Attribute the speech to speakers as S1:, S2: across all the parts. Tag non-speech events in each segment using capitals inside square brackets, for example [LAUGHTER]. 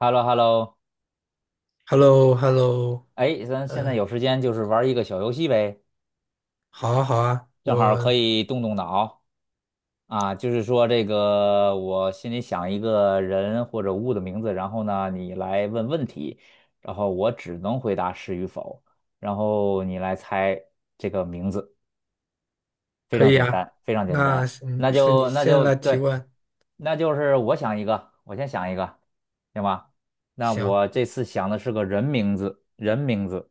S1: h e l l o h e l l o
S2: h e l l o h e l l o
S1: 哎，咱现在
S2: 嗯，
S1: 有时间就是玩一个小游戏呗，
S2: 好啊，好啊，
S1: 正好可以动动脑啊。就是说这个，我心里想一个人或者物的名字，然后呢，你来问问题，然后我只能回答是与否，然后你来猜这个名字，非
S2: 可
S1: 常
S2: 以
S1: 简
S2: 啊。
S1: 单，非常简
S2: 那
S1: 单。
S2: 是你
S1: 那
S2: 是你
S1: 就那
S2: 先
S1: 就
S2: 来提
S1: 对，
S2: 问，
S1: 那就是我想一个，我先想一个，行吧？那
S2: 行。
S1: 我这次想的是个人名字，人名字，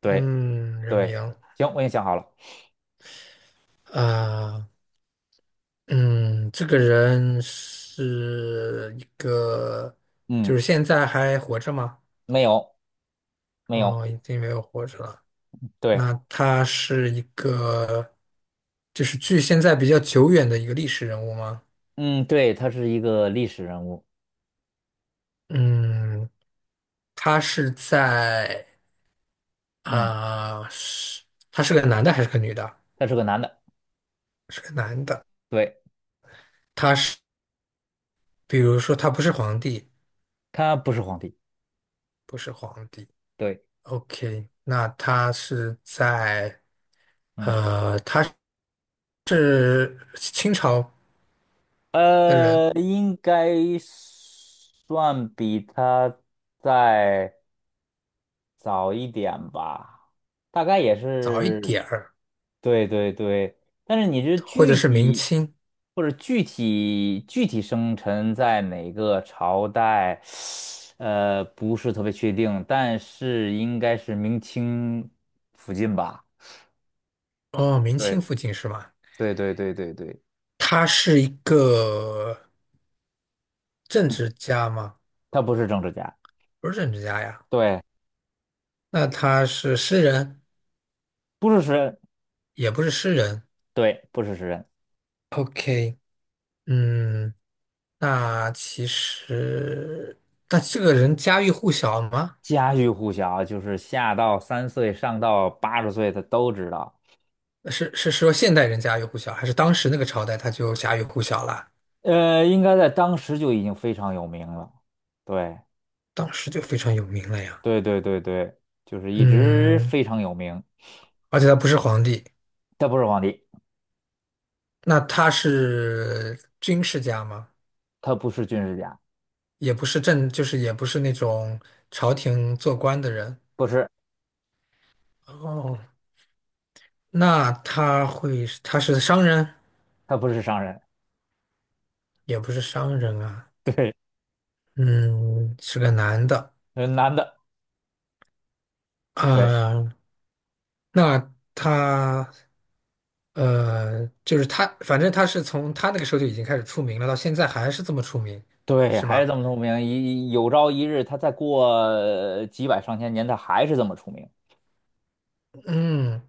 S1: 对。
S2: 嗯，人
S1: 对，
S2: 名
S1: 行，我已经想好了。
S2: 啊，嗯，这个人是一个，
S1: 嗯，
S2: 就是现在还活着吗？
S1: 没有，没有。
S2: 哦，已经没有活着了。
S1: 对，
S2: 那他是一个，就是距现在比较久远的一个历史人物吗？
S1: 嗯，对，他是一个历史人物。
S2: 嗯，他是在。
S1: 嗯，
S2: 啊，是他是个男的还是个女的？
S1: 他是个男的。
S2: 是个男的。
S1: 对，
S2: 他是，比如说他不是皇帝，
S1: 他不是皇帝。
S2: 不是皇帝。
S1: 对，
S2: OK，那他是在
S1: 嗯，
S2: 他是清朝的人，
S1: 应该算比他在。早一点吧，大概也
S2: 早一
S1: 是，
S2: 点儿，
S1: 对对对，但是你这
S2: 或者
S1: 具
S2: 是明
S1: 体
S2: 清。
S1: 或者具体生辰在哪个朝代，[SUCKS TEETH] 不是特别确定，但是应该是明清附近吧？
S2: 哦，明
S1: 对
S2: 清附近是吗？
S1: 对对对对对，
S2: 他是一个政
S1: 嗯，
S2: 治家吗？
S1: 他不是政治家，
S2: 不是政治家呀。
S1: 对，
S2: 那他是诗人，
S1: 不是诗人，
S2: 也不是诗人。
S1: 对，不是诗人，
S2: OK，嗯。那其实，那这个人家喻户晓吗？
S1: 家喻户晓，就是下到3岁，上到80岁，他都知道。
S2: 是是说现代人家喻户晓，还是当时那个朝代他就家喻户晓了？
S1: 应该在当时就已经非常有名了。对，
S2: 当时就非常有名了呀。
S1: 对对对对，就是一直
S2: 嗯，
S1: 非常有名。
S2: 而且他不是皇帝，
S1: 他不是皇帝，
S2: 那他是军事家吗？
S1: 他不是军事家，
S2: 也不是政，就是也不是那种朝廷做官的人。
S1: 不是，
S2: 哦，那他会，他是商人，
S1: 他不是商人。
S2: 也不是商人啊。
S1: 对，
S2: 嗯，是个男的。
S1: 男的，对
S2: 啊、那他。就是他，反正他是从他那个时候就已经开始出名了，到现在还是这么出名，
S1: 对，
S2: 是
S1: 还是
S2: 吧？
S1: 这么出名。一有朝一日，他再过几百上千年，他还是这么出名。
S2: 嗯，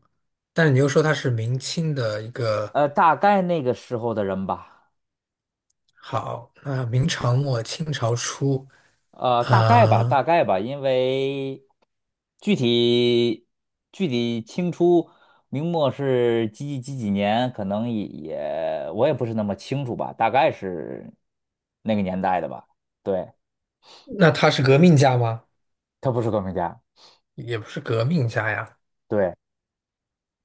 S2: 但是你又说他是明清的一个
S1: 大概那个时候的人吧，
S2: 好，那明朝末清朝初，
S1: 大概吧，
S2: 啊、
S1: 大概吧，因为具体具体清初明末是几几几几年，可能也我也不是那么清楚吧，大概是那个年代的吧。对，
S2: 那他是革命家吗？
S1: 他不是革命家，
S2: 也不是革命家呀，
S1: 对，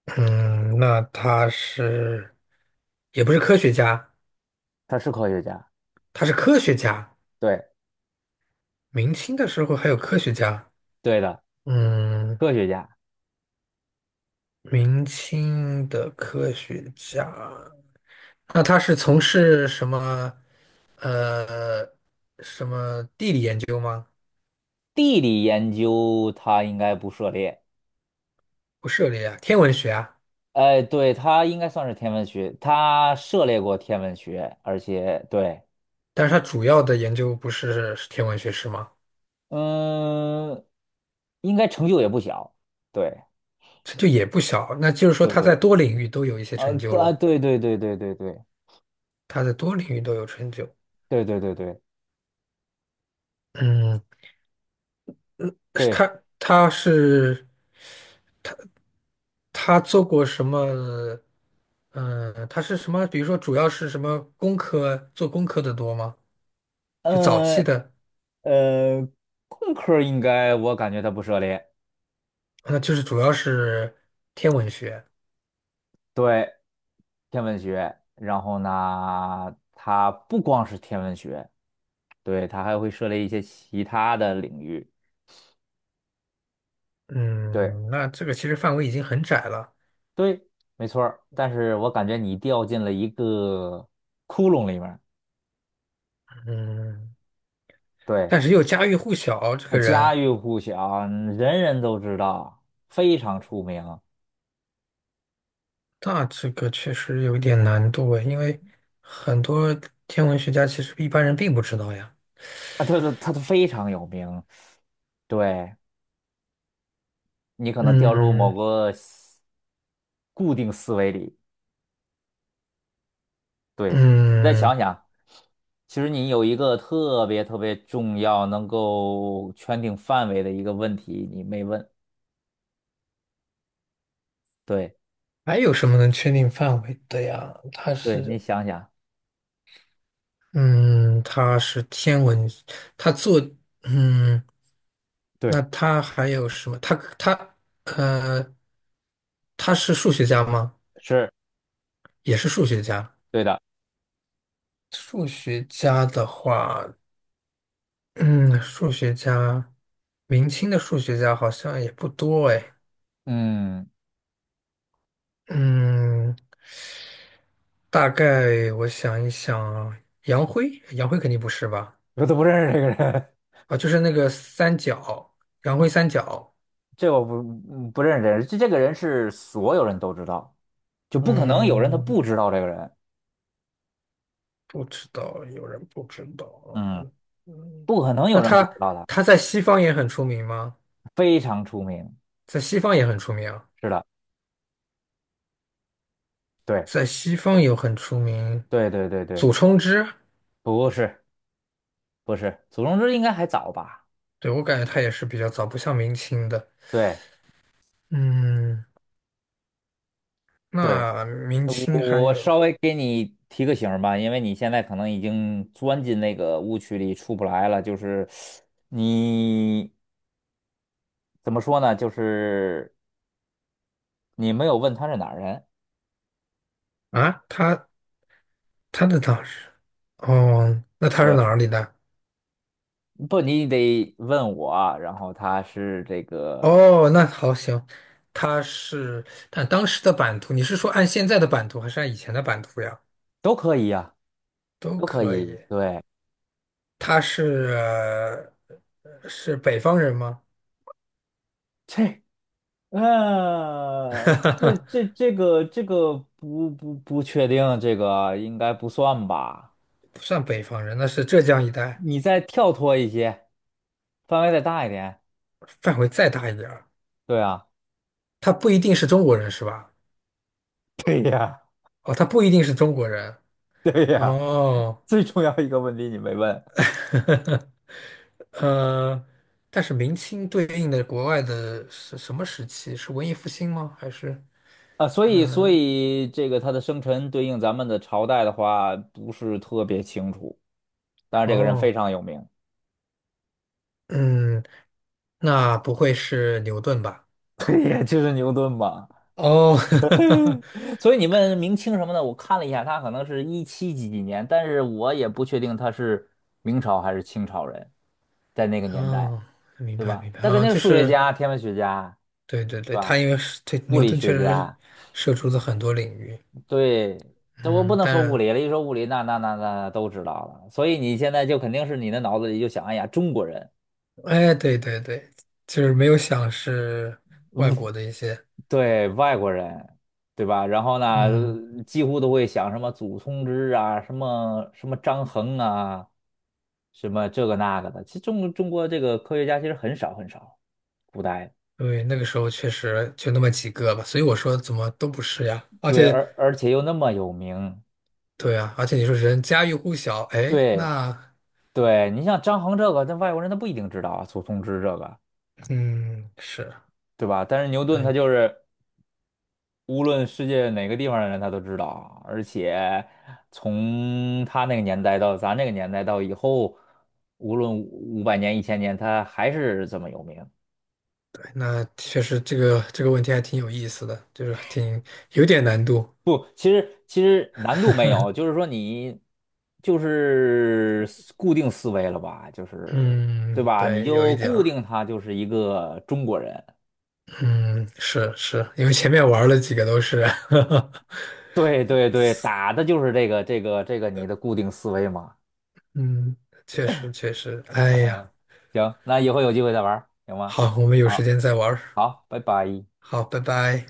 S2: 嗯，那他是也不是科学家，
S1: 他是科学家，
S2: 他是科学家。
S1: 对，
S2: 明清的时候还有科学家，
S1: 对的，
S2: 嗯，
S1: 科学家。
S2: 明清的科学家。那他是从事什么？呃，什么地理研究吗？
S1: 地理研究他应该不涉猎，
S2: 不涉猎啊，天文学啊。
S1: 哎，对，他应该算是天文学，他涉猎过天文学，而且对，
S2: 但是他主要的研究不是天文学是吗？
S1: 嗯，应该成就也不小，对。
S2: 成就也不小，那就是说
S1: 对
S2: 他
S1: 对。
S2: 在多领域都有一些
S1: 啊，
S2: 成就
S1: 对啊，
S2: 咯。
S1: 对对对对对对
S2: 他在多领域都有成就。
S1: 对对对对
S2: 嗯，是
S1: 对，
S2: 他是他做过什么？嗯，他是什么？比如说，主要是什么工科？做工科的多吗？就早期
S1: 呃
S2: 的，
S1: 呃，工科应该我感觉它不涉猎，
S2: 那就是主要是天文学。
S1: 对，天文学，然后呢，它不光是天文学，对，它还会涉猎一些其他的领域，对
S2: 嗯，那这个其实范围已经很窄了。
S1: 对，没错儿，但是我感觉你掉进了一个窟窿里面儿，
S2: 嗯，
S1: 对，
S2: 但是又家喻户晓，这
S1: 那
S2: 个
S1: 家
S2: 人，
S1: 喻户晓，人人都知道，非常出名。
S2: 那这个确实有一点难度诶，因为很多天文学家其实一般人并不知道呀。
S1: 啊，对对，他非常有名，对，你可能掉入某
S2: 嗯
S1: 个固定思维里。对，你再
S2: 嗯，
S1: 想想，其实你有一个特别特别重要、能够圈定范围的一个问题，你没问。对，
S2: 还有什么能确定范围的呀？他
S1: 对，你
S2: 是，
S1: 想想，
S2: 嗯，他是天文，他做，嗯，那
S1: 对，
S2: 他还有什么？他呃，他是数学家吗？
S1: 是
S2: 也是数学家。
S1: 对的。
S2: 数学家的话，嗯，数学家，明清的数学家好像也不多哎。
S1: 嗯，
S2: 嗯，大概我想一想，杨辉，杨辉肯定不是吧？
S1: 我都不认识这个人。[LAUGHS]
S2: 啊，就是那个三角，杨辉三角。
S1: 这我不嗯不认识这人，这这个人是所有人都知道，就不可能有人他
S2: 嗯，
S1: 不知道这个人。
S2: 不知道，有人不知道。
S1: 嗯，
S2: 嗯，嗯
S1: 不可能
S2: 那
S1: 有人不
S2: 他
S1: 知道他，
S2: 他在西方也很出名吗？
S1: 非常出名。
S2: 在西方也很出名啊
S1: 是的，对，
S2: 在西方有很出名，
S1: 对对对对，
S2: 祖冲之。
S1: 不是。不是，祖冲之应该还早吧？
S2: 对，我感觉他也是比较早，不像明清的。
S1: 对，
S2: 嗯，
S1: 对，
S2: 那明
S1: 呃
S2: 清还
S1: 我我
S2: 有
S1: 稍微给你提个醒儿吧，因为你现在可能已经钻进那个误区里出不来了。就是你怎么说呢？就是你没有问他是哪儿人，
S2: 啊，他他的当是，哦，那他是
S1: 对，
S2: 哪里的？
S1: 不，你得问我啊，然后他是这个
S2: 哦，那好行，他是，但当时的版图，你是说按现在的版图，还是按以前的版图呀？
S1: 都可以呀、
S2: 都
S1: 都可
S2: 可以。
S1: 以。对，
S2: 他是是北方人吗？
S1: 这这个不确定，这个应该不算吧。
S2: 不算北方人，那是浙江一带，
S1: 你再跳脱一些，范围再大一点。
S2: 范围再大一点儿。
S1: 对啊，
S2: 他不一定是中国人是吧？
S1: [LAUGHS] 对呀，
S2: 哦，他不一定是中国人。
S1: [LAUGHS]
S2: 哦。
S1: 最重要一个问题你没问
S2: [LAUGHS] 呃，但是明清对应的国外的是什么时期？是文艺复兴吗？还是
S1: 啊，所以所
S2: 嗯
S1: 以这个他的生辰对应咱们的朝代的话，不是特别清楚。当然，这个人非
S2: 哦
S1: 常有名，
S2: 嗯，那不会是牛顿吧？
S1: [LAUGHS] 对呀，就是牛顿嘛。
S2: 哦，[LAUGHS]
S1: [LAUGHS] 所以你问明清什么的，我看了一下，他可能是一七几几年，但是我也不确定他是明朝还是清朝人，在那个年代，
S2: 哦，明
S1: 对
S2: 白
S1: 吧？
S2: 明白
S1: 他肯
S2: 啊，
S1: 定
S2: 就
S1: 是数学
S2: 是
S1: 家、天文学家，
S2: 对对
S1: 对
S2: 对，他
S1: 吧？
S2: 因为是对
S1: 物
S2: 牛
S1: 理
S2: 顿确
S1: 学
S2: 实
S1: 家。
S2: 涉足了很多领域，
S1: 对，这我不
S2: 嗯，
S1: 能说物
S2: 但
S1: 理了，一说物理，那都知道了。所以你现在就肯定是你的脑子里就想，哎呀，中国人，
S2: 哎对对对，就是没有想是外国的一些。
S1: 对，外国人，对吧？然后呢，
S2: 嗯。
S1: 几乎都会想什么祖冲之啊，什么什么张衡啊，什么这个那个的。其实中国这个科学家其实很少很少，古代，
S2: 对，那个时候确实就那么几个吧，所以我说怎么都不是呀。而
S1: 对，
S2: 且，
S1: 而且又那么有名，
S2: 对啊，而且你说人家喻户晓，哎，
S1: 对
S2: 那
S1: 对，你像张衡这个，那外国人他不一定知道啊，祖冲之这个，
S2: 嗯是，
S1: 对吧？但是牛顿他
S2: 对
S1: 就是。无论世界哪个地方的人，他都知道。而且从他那个年代到咱这个年代到以后，无论500年、1000年，他还是这么有名。
S2: 对，那确实这个这个问题还挺有意思的，就是挺有点难度。
S1: 不，其实难度没有，就是说你就是固定思维了吧，就是对
S2: 嗯，
S1: 吧？你
S2: 对，有一
S1: 就
S2: 点
S1: 固
S2: 儿，
S1: 定他就是一个中国人。
S2: 嗯，是是，因为前面玩了几个都是，
S1: 对对对，打的就是这个你的固定思维嘛。
S2: [LAUGHS] 嗯，确实确实，
S1: [LAUGHS]
S2: 哎呀，
S1: 呃，行，那以后有机会再玩儿行吗？
S2: 好，我们有时
S1: 啊。
S2: 间再玩儿，
S1: 好，拜拜。
S2: 好，拜拜。